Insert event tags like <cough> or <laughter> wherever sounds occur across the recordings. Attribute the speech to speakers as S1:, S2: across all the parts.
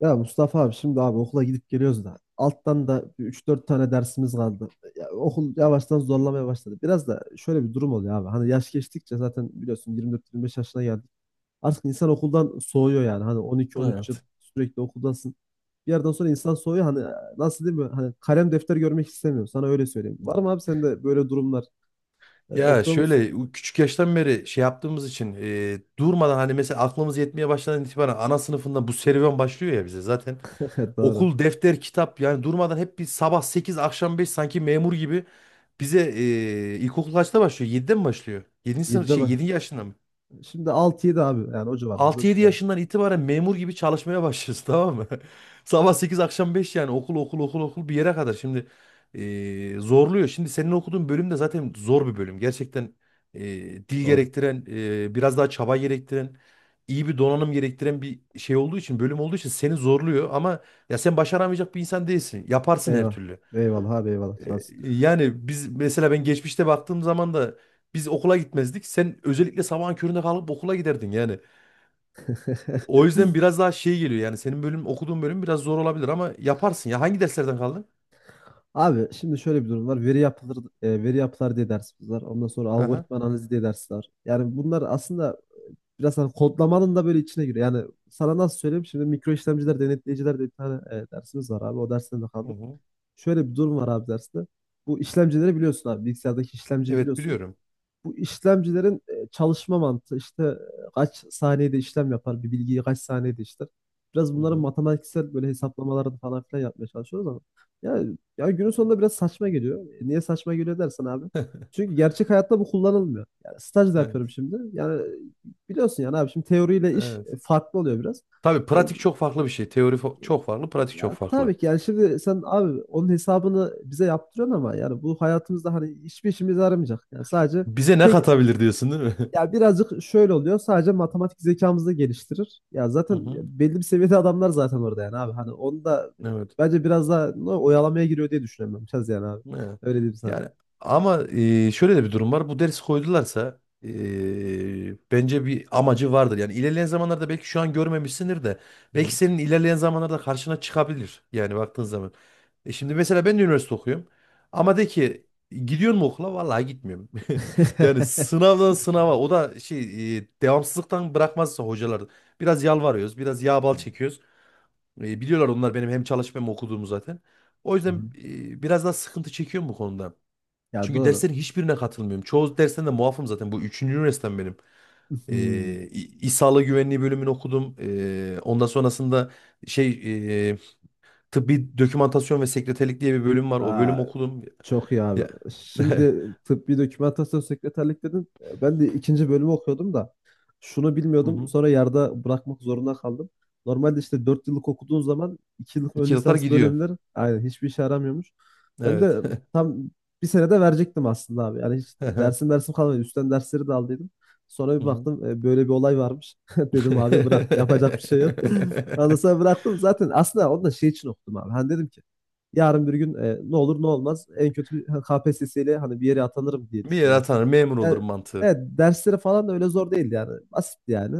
S1: Ya Mustafa abi şimdi abi okula gidip geliyoruz da alttan da üç dört tane dersimiz kaldı. Ya okul yavaştan zorlamaya başladı. Biraz da şöyle bir durum oluyor abi. Hani yaş geçtikçe zaten biliyorsun 24-25 yaşına geldik. Artık insan okuldan soğuyor yani. Hani 12-13 yıl
S2: Evet.
S1: sürekli okuldasın. Bir yerden sonra insan soğuyor. Hani nasıl değil mi? Hani kalem defter görmek istemiyor. Sana öyle söyleyeyim. Var mı abi sende böyle durumlar?
S2: Ya
S1: Okuyor musun?
S2: şöyle küçük yaştan beri şey yaptığımız için durmadan hani mesela aklımız yetmeye başladan itibaren ana sınıfında bu serüven başlıyor ya bize zaten.
S1: <laughs> Evet. Doğru.
S2: Okul, defter, kitap yani durmadan hep bir sabah 8 akşam 5 sanki memur gibi bize ilkokul kaçta başlıyor? 7'de mi başlıyor? 7. sınıf
S1: Yedide
S2: şey
S1: mi?
S2: 7. yaşında mı?
S1: Şimdi 6 yedi abi. Yani o civarlarda bir
S2: 6-7
S1: şey. Yani.
S2: yaşından itibaren memur gibi çalışmaya başlıyorsun, tamam mı? <laughs> Sabah 8 akşam 5 yani okul okul okul okul bir yere kadar. Şimdi zorluyor. Şimdi senin okuduğun bölüm de zaten zor bir bölüm. Gerçekten dil
S1: Doğru.
S2: gerektiren, biraz daha çaba gerektiren, iyi bir donanım gerektiren bir şey olduğu için, bölüm olduğu için seni zorluyor. Ama ya sen başaramayacak bir insan değilsin. Yaparsın her
S1: Eyvallah.
S2: türlü.
S1: Eyvallah abi eyvallah. Sağ ol.
S2: Yani biz mesela ben geçmişte baktığım zaman da biz okula gitmezdik. Sen özellikle sabahın köründe kalkıp okula giderdin yani. O yüzden biraz daha şey geliyor yani senin bölüm okuduğun bölüm biraz zor olabilir ama yaparsın ya. Hangi derslerden kaldın?
S1: Abi şimdi şöyle bir durum var. Veri yapıları, veri yapılar diye dersimiz var. Ondan sonra
S2: Hı hı.
S1: algoritma analizi diye ders var. Yani bunlar aslında biraz hani kodlamanın da böyle içine giriyor. Yani sana nasıl söyleyeyim? Şimdi mikro işlemciler, denetleyiciler diye bir tane dersimiz var abi. O dersten de
S2: Hı
S1: kaldık.
S2: hı.
S1: Şöyle bir durum var abi derste. Bu işlemcileri biliyorsun abi. Bilgisayardaki işlemciyi
S2: Evet,
S1: biliyorsun.
S2: biliyorum.
S1: Bu işlemcilerin çalışma mantığı işte kaç saniyede işlem yapar, bir bilgiyi kaç saniyede işler. Biraz
S2: Hı
S1: bunların
S2: hı.
S1: matematiksel böyle hesaplamalarını falan filan yapmaya çalışıyoruz ama ya, ya günün sonunda biraz saçma geliyor. Niye saçma geliyor dersen abi?
S2: <laughs>
S1: Çünkü gerçek hayatta bu kullanılmıyor. Yani staj da
S2: Evet.
S1: yapıyorum şimdi. Yani biliyorsun yani abi şimdi teoriyle iş
S2: Evet.
S1: e, farklı oluyor biraz.
S2: Tabii
S1: E, e,
S2: pratik çok farklı bir şey. Teori çok farklı, pratik çok
S1: ya
S2: farklı.
S1: tabii ki yani şimdi sen abi onun hesabını bize yaptırıyorsun ama yani bu hayatımızda hani hiçbir işimize yaramayacak. Yani sadece
S2: Bize ne
S1: tek
S2: katabilir diyorsun, değil mi? <laughs>
S1: ya birazcık şöyle oluyor. Sadece matematik zekamızı da geliştirir. Ya
S2: Hı
S1: zaten
S2: hı.
S1: belli bir seviyede adamlar zaten orada yani abi. Hani onu da
S2: Evet.
S1: bence biraz daha oyalamaya giriyor diye düşünüyorum ben. Biraz yani abi.
S2: Evet.
S1: Öyle diyeyim sana.
S2: Yani ama şöyle de bir durum var. Bu dersi koydularsa bence bir amacı vardır. Yani ilerleyen zamanlarda belki şu an görmemişsindir de
S1: Hı hı.
S2: belki senin ilerleyen zamanlarda karşına çıkabilir. Yani baktığın zaman. E şimdi mesela ben de üniversite okuyorum. Ama de ki gidiyor mu okula? Vallahi gitmiyorum. <laughs> Yani
S1: <laughs>
S2: sınavdan sınava, o da şey devamsızlıktan bırakmazsa hocalar biraz yalvarıyoruz, biraz yağ bal çekiyoruz. Biliyorlar onlar benim hem çalışıp hem okuduğumu zaten. O
S1: Hı
S2: yüzden
S1: hı.
S2: biraz daha sıkıntı çekiyorum bu konuda.
S1: Ya
S2: Çünkü
S1: doğru.
S2: derslerin hiçbirine katılmıyorum. Çoğu dersten de muafım zaten. Bu üçüncü üniversitem benim.
S1: Hı
S2: E,
S1: hı.
S2: Sağlığı Güvenliği bölümünü okudum. Ondan sonrasında şey e, tıbbi dokümantasyon ve sekreterlik diye bir bölüm var. O
S1: Aa,
S2: bölüm okudum.
S1: çok iyi abi.
S2: Ya. <laughs>
S1: Şimdi tıbbi dokümantasyon sekreterlik dedin. Ben de ikinci bölümü okuyordum da şunu
S2: Hı
S1: bilmiyordum.
S2: hı.
S1: Sonra yarıda bırakmak zorunda kaldım. Normalde işte 4 yıllık okuduğun zaman 2 yıllık ön
S2: İki yıllar
S1: lisans
S2: gidiyor.
S1: bölümleri aynen hiçbir işe yaramıyormuş. Ben
S2: Evet.
S1: de
S2: <laughs>
S1: tam bir senede verecektim aslında abi. Yani hiç
S2: Hı
S1: dersim kalmadı. Üstten dersleri de aldıydım. Sonra bir
S2: hı.
S1: baktım böyle bir olay varmış. <laughs> Dedim abi bırak yapacak bir şey yok. <laughs> Ondan
S2: <laughs>
S1: sonra bıraktım. Zaten aslında onu da şey için okudum abi. Hani dedim ki yarın bir gün, ne olur ne olmaz en kötü K P S S ile hani bir yere atanırım diye
S2: Bir yere
S1: düşündüm
S2: atanır,
S1: aslında.
S2: memur olurum
S1: Yani,
S2: mantığı.
S1: evet dersleri falan da öyle zor değildi yani. Basitti yani.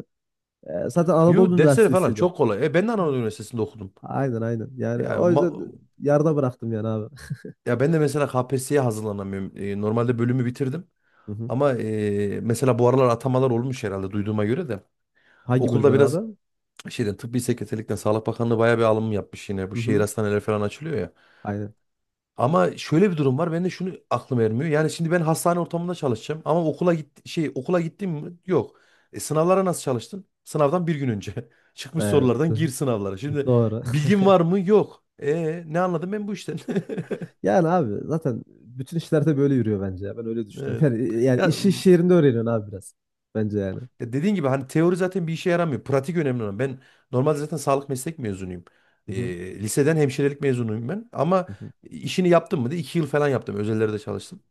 S1: Zaten Anadolu
S2: Yo, dersleri falan
S1: Üniversitesi'ydi.
S2: çok kolay. E, ben de
S1: Hı.
S2: Anadolu Üniversitesi'nde okudum.
S1: Aynen aynen. Yani
S2: Yani
S1: o
S2: ma-
S1: yüzden yarıda bıraktım yani abi.
S2: Ya ben de mesela KPSS'ye hazırlanamıyorum. Normalde bölümü bitirdim.
S1: Hı hı.
S2: Ama mesela bu aralar atamalar olmuş herhalde, duyduğuma göre de.
S1: Hangi
S2: Okulda
S1: bölümden
S2: biraz
S1: abi?
S2: şeyden, tıbbi sekreterlikten Sağlık Bakanlığı bayağı bir alım yapmış yine. Bu
S1: Hı
S2: şehir
S1: hı.
S2: hastaneleri falan açılıyor ya.
S1: Aynen.
S2: Ama şöyle bir durum var. Ben de şunu aklım ermiyor. Yani şimdi ben hastane ortamında çalışacağım ama okula git şey okula gittim mi? Yok. Sınavlara nasıl çalıştın? Sınavdan bir gün önce. <laughs> Çıkmış
S1: Evet.
S2: sorulardan gir sınavlara.
S1: <laughs>
S2: Şimdi
S1: Doğru.
S2: bilgin var mı? Yok. E, ne anladım ben bu işten? <laughs>
S1: Yani abi zaten bütün işlerde böyle yürüyor bence ya. Ben öyle
S2: Evet.
S1: düşünüyorum. Yani
S2: Ya,
S1: işi iş yerinde öğreniyorsun abi biraz. Bence yani.
S2: ya, dediğin gibi hani teori zaten bir işe yaramıyor. Pratik önemli olan. Ben normalde zaten sağlık meslek mezunuyum.
S1: Hı hı.
S2: Liseden hemşirelik mezunuyum ben. Ama
S1: Hı hı.
S2: işini yaptım mı diye 2 yıl falan yaptım. Özellerde çalıştım.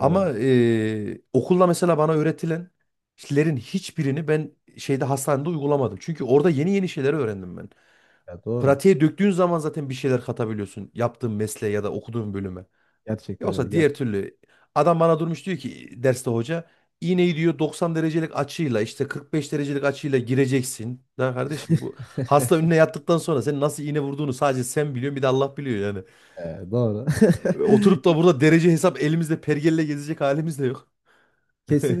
S1: Doğru.
S2: okulda mesela bana öğretilenlerin hiçbirini ben şeyde hastanede uygulamadım. Çünkü orada yeni yeni şeyler öğrendim ben.
S1: Ya doğru.
S2: Pratiğe döktüğün zaman zaten bir şeyler katabiliyorsun yaptığın mesleğe ya da okuduğun bölüme.
S1: Gerçekten öyle.
S2: Yoksa diğer
S1: Gerçekten.
S2: türlü adam bana durmuş diyor ki derste hoca iğneyi diyor 90 derecelik açıyla işte 45 derecelik açıyla gireceksin. Ya kardeşim, bu hasta önüne yattıktan sonra senin nasıl iğne vurduğunu sadece sen biliyorsun, bir de Allah biliyor yani.
S1: Doğru. <laughs>
S2: Oturup da
S1: Ke-
S2: burada derece hesap elimizde pergelle gezecek halimiz de yok.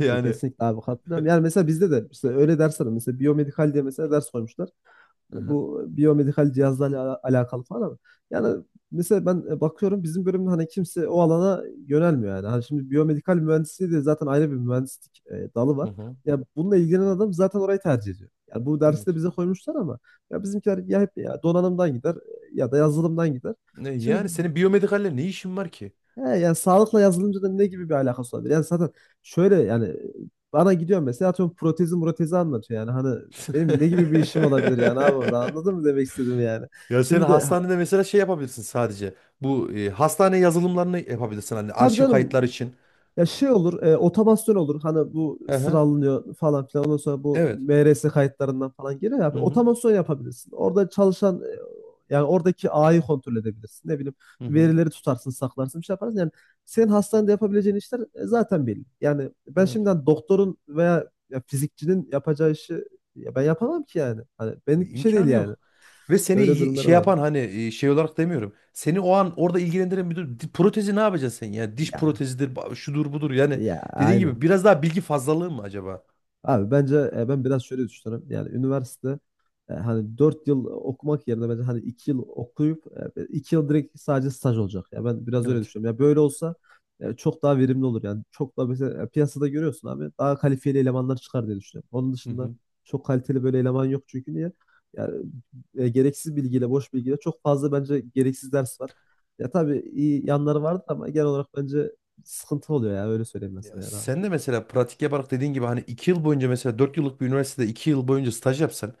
S2: <laughs> Yani,
S1: kesinlikle abi katılıyorum. Yani mesela bizde de işte öyle dersler var. Mesela biyomedikal diye mesela ders koymuşlar.
S2: hı hı.
S1: Bu biyomedikal cihazlarla alakalı falan ama yani mesela ben bakıyorum bizim bölümde hani kimse o alana yönelmiyor yani. Hani şimdi biyomedikal mühendisliği de zaten ayrı bir mühendislik, dalı
S2: Hı
S1: var.
S2: hı.
S1: Ya bununla ilgilenen adam zaten orayı tercih ediyor. Yani bu dersi
S2: Evet.
S1: de bize koymuşlar ama ya bizimkiler ya hep ya donanımdan gider, ya da yazılımdan gider.
S2: Ne,
S1: Şimdi
S2: yani senin biyomedikalle ne işin var ki?
S1: He, yani sağlıkla yazılımcı da ne gibi bir alakası olabilir? Yani zaten şöyle yani bana gidiyor mesela atıyorum protezi protezi anlatıyor yani hani benim ne gibi bir işim olabilir yani abi orada anladın
S2: <laughs>
S1: mı demek istedim yani.
S2: Ya sen
S1: Şimdi
S2: hastanede mesela şey yapabilirsin sadece. Bu hastane yazılımlarını yapabilirsin hani
S1: tabii
S2: arşiv
S1: canım.
S2: kayıtlar için.
S1: Ya şey olur, otomasyon olur. Hani bu
S2: Hı hı.
S1: sıralanıyor falan filan. Ondan sonra bu
S2: Evet.
S1: MRS kayıtlarından falan geliyor ya.
S2: Hı hı.
S1: Otomasyon yapabilirsin. Orada çalışan yani oradaki ağayı kontrol edebilirsin. Ne bileyim
S2: Hı hı.
S1: verileri tutarsın, saklarsın, bir şey yaparsın. Yani senin hastanede yapabileceğin işler zaten belli. Yani ben
S2: Evet.
S1: şimdiden doktorun veya ya fizikçinin yapacağı işi ya ben yapamam ki yani. Hani benlik bir şey değil
S2: İmkanı
S1: yani.
S2: yok. Ve seni
S1: Öyle durumları
S2: şey
S1: var.
S2: yapan hani şey olarak demiyorum. Seni o an orada ilgilendiren bir durum. Protezi ne yapacaksın sen ya? Diş
S1: Ya
S2: protezidir, şudur budur. Yani
S1: ya
S2: dediğin gibi
S1: aynen.
S2: biraz daha bilgi fazlalığı mı acaba?
S1: Abi bence ben biraz şöyle düşünüyorum. Yani üniversite, hani 4 yıl okumak yerine bence hani 2 yıl okuyup, 2 yıl direkt sadece staj olacak. Ya ben biraz öyle
S2: Evet.
S1: düşünüyorum. Ya böyle olsa, çok daha verimli olur yani. Çok daha mesela, piyasada görüyorsun abi daha kalifiyeli elemanlar çıkar diye düşünüyorum. Onun dışında çok kaliteli böyle eleman yok çünkü niye? Yani, gereksiz bilgiyle, boş bilgiyle çok fazla bence gereksiz ders var. Ya tabii iyi yanları vardır ama genel olarak bence sıkıntı oluyor ya öyle söyleyeyim ben
S2: Ya
S1: sana yani abi.
S2: sen de mesela pratik yaparak dediğin gibi hani 2 yıl boyunca mesela 4 yıllık bir üniversitede 2 yıl boyunca staj yapsan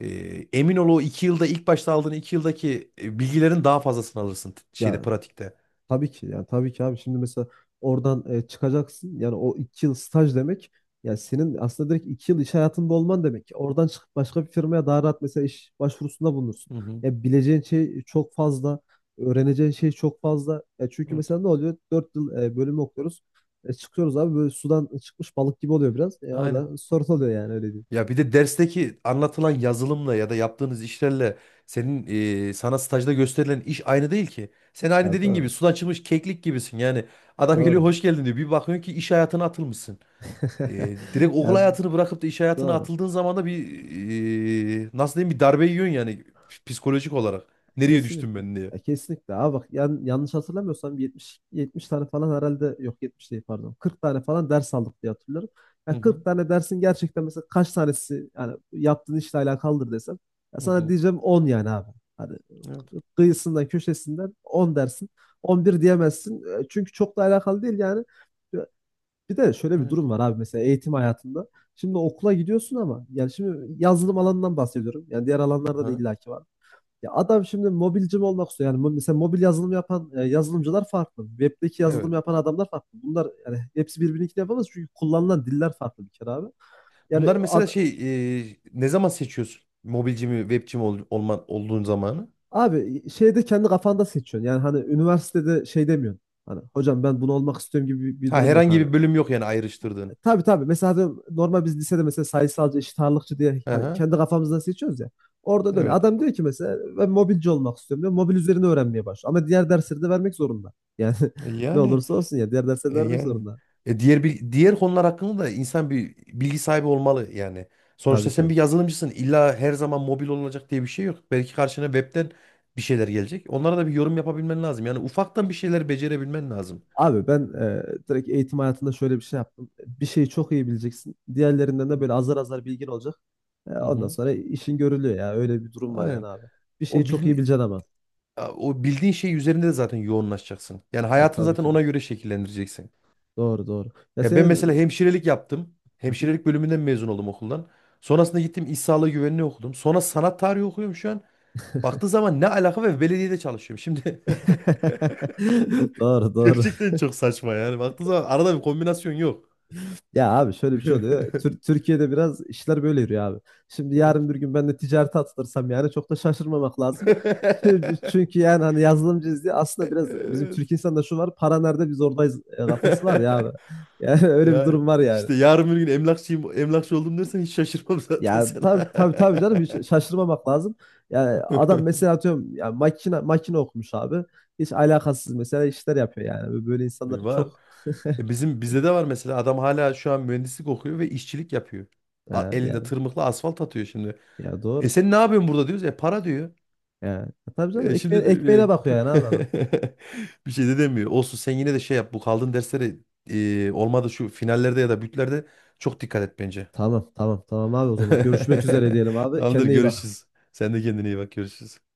S2: emin ol o 2 yılda ilk başta aldığın 2 yıldaki bilgilerin daha fazlasını alırsın şeyde
S1: Ya
S2: pratikte.
S1: tabii ki yani tabii ki abi şimdi mesela oradan, çıkacaksın yani o iki yıl staj demek yani senin aslında direkt iki yıl iş hayatında olman demek. Oradan çıkıp başka bir firmaya daha rahat mesela iş başvurusunda bulunursun.
S2: Hı hı.
S1: Ya bileceğin şey çok fazla, öğreneceğin şey çok fazla. Ya çünkü
S2: Evet.
S1: mesela ne oluyor? Dört yıl, bölümü okuyoruz. Çıkıyoruz abi böyle sudan çıkmış balık gibi oluyor biraz. Ya o
S2: Aynen.
S1: da sorun oluyor yani öyle değil.
S2: Ya bir de dersteki anlatılan yazılımla ya da yaptığınız işlerle senin sana stajda gösterilen iş aynı değil ki. Sen aynı
S1: Ya
S2: dediğin gibi
S1: doğru.
S2: sudan çıkmış keklik gibisin. Yani adam geliyor
S1: Doğru.
S2: hoş geldin diyor. Bir bakıyorsun ki iş hayatına atılmışsın.
S1: <laughs>
S2: Direkt okul
S1: Ya
S2: hayatını bırakıp da iş hayatına
S1: doğru.
S2: atıldığın zaman da bir nasıl diyeyim, bir darbe yiyorsun yani psikolojik olarak. Nereye düştüm
S1: Kesinlikle.
S2: ben diye.
S1: Ya kesinlikle. Abi bak yanlış hatırlamıyorsam 70 70 tane falan herhalde yok, 70 değil, pardon. 40 tane falan ders aldık diye hatırlıyorum.
S2: Hı
S1: Ya
S2: hı.
S1: 40 tane dersin gerçekten mesela kaç tanesi yani yaptığın işle alakalıdır desem ya
S2: Hı
S1: sana
S2: hı.
S1: diyeceğim 10 yani abi. Hani
S2: Evet.
S1: kıyısından köşesinden 10 dersin. 11 diyemezsin. Çünkü çok da alakalı değil yani. Bir de şöyle bir
S2: Evet.
S1: durum var abi mesela eğitim hayatında. Şimdi okula gidiyorsun ama yani şimdi yazılım alanından bahsediyorum. Yani diğer alanlarda da
S2: Aha.
S1: illaki var. Ya adam şimdi mobilci mi olmak istiyor? Yani mesela mobil yazılım yapan yazılımcılar farklı. Web'deki yazılım
S2: Evet.
S1: yapan adamlar farklı. Bunlar yani hepsi birbirini yapamaz çünkü kullanılan diller farklı bir kere abi. Yani
S2: Bunlar mesela şey ne zaman seçiyorsun? Mobilci mi, webci mi olman, olduğun zamanı?
S1: abi şeyde kendi kafanda seçiyorsun. Yani hani üniversitede şey demiyorsun. Hani hocam ben bunu olmak istiyorum gibi bir
S2: Ha,
S1: durum yok
S2: herhangi
S1: hani.
S2: bir bölüm yok yani ayrıştırdığın.
S1: Tabii tabii. Mesela diyorum, normal biz lisede mesela sayısalcı, eşit ağırlıkçı diye hani
S2: Aha,
S1: kendi kafamızdan seçiyoruz ya. Orada da öyle.
S2: evet.
S1: Adam diyor ki mesela ben mobilci olmak istiyorum diyor. Mobil üzerine öğrenmeye başlıyor. Ama diğer dersleri de vermek zorunda. Yani <laughs> ne
S2: Yani,
S1: olursa olsun ya diğer dersleri de
S2: e,
S1: vermek
S2: yani
S1: zorunda.
S2: diğer diğer konular hakkında da insan bir bilgi sahibi olmalı yani.
S1: Tabii
S2: Sonuçta
S1: ki.
S2: sen bir yazılımcısın. İlla her zaman mobil olacak diye bir şey yok. Belki karşına webten bir şeyler gelecek. Onlara da bir yorum yapabilmen lazım. Yani ufaktan bir şeyler becerebilmen lazım.
S1: Abi ben direkt eğitim hayatında şöyle bir şey yaptım. Bir şeyi çok iyi bileceksin. Diğerlerinden de böyle azar azar bilgin olacak. E,
S2: Hı
S1: ondan
S2: hı.
S1: sonra işin görülüyor ya. Öyle bir durum var yani
S2: Aynen.
S1: abi. Bir şeyi
S2: O
S1: çok iyi
S2: bil,
S1: bileceksin ama.
S2: O bildiğin şey üzerinde de zaten yoğunlaşacaksın. Yani
S1: E,
S2: hayatını
S1: tabii
S2: zaten
S1: ki.
S2: ona göre şekillendireceksin.
S1: Doğru doğru. Ya
S2: Ya ben mesela
S1: senin...
S2: hemşirelik yaptım.
S1: Hı hı.
S2: Hemşirelik bölümünden mezun oldum okuldan. Sonrasında gittim iş sağlığı güvenliği okudum. Sonra sanat tarihi okuyorum şu an. Baktığı zaman ne alaka ve belediyede çalışıyorum. Şimdi
S1: <laughs> Doğru
S2: <laughs>
S1: doğru.
S2: gerçekten çok saçma yani. Baktığı zaman arada bir kombinasyon yok.
S1: Ya abi şöyle bir şey oluyor.
S2: <laughs>
S1: Türkiye'de biraz işler böyle yürüyor abi. Şimdi
S2: Evet.
S1: yarın bir gün ben de ticarete atılırsam yani çok da şaşırmamak lazım. Çünkü
S2: <laughs>
S1: yani hani yazılımcıyız diye aslında biraz bizim Türk
S2: Evet.
S1: insanında şu var. Para nerede biz oradayız, kafası var ya abi.
S2: <laughs>
S1: Yani <laughs> öyle bir
S2: Ya
S1: durum var yani.
S2: işte yarın bir gün emlakçıyım, emlakçı oldum dersen hiç şaşırmam zaten
S1: Ya tabii
S2: sana.
S1: tabii tabii canım
S2: <laughs>
S1: hiç şaşırmamak lazım. Yani adam mesela atıyorum ya makine makine okumuş abi. Hiç alakasız mesela işler yapıyor yani. Böyle
S2: Bir
S1: insanları
S2: var.
S1: çok
S2: E bizim bizde de var mesela adam hala şu an mühendislik okuyor ve işçilik yapıyor.
S1: e,
S2: Elinde
S1: yani
S2: tırmıkla asfalt atıyor şimdi.
S1: ya
S2: E
S1: doğru.
S2: sen ne yapıyorsun burada diyoruz. E para diyor.
S1: Yani. Tabii canım
S2: Şimdi
S1: ekmeğine, ekmeğine bakıyor yani abi adam.
S2: <laughs> bir şey de demiyor. Olsun, sen yine de şey yap. Bu kaldığın derslere olmadı şu finallerde ya da bütlerde çok dikkat et bence.
S1: Tamam tamam tamam abi o zaman. Görüşmek üzere
S2: <laughs>
S1: diyelim abi.
S2: Tamamdır,
S1: Kendine iyi bak.
S2: görüşürüz. Sen de kendine iyi bak, görüşürüz.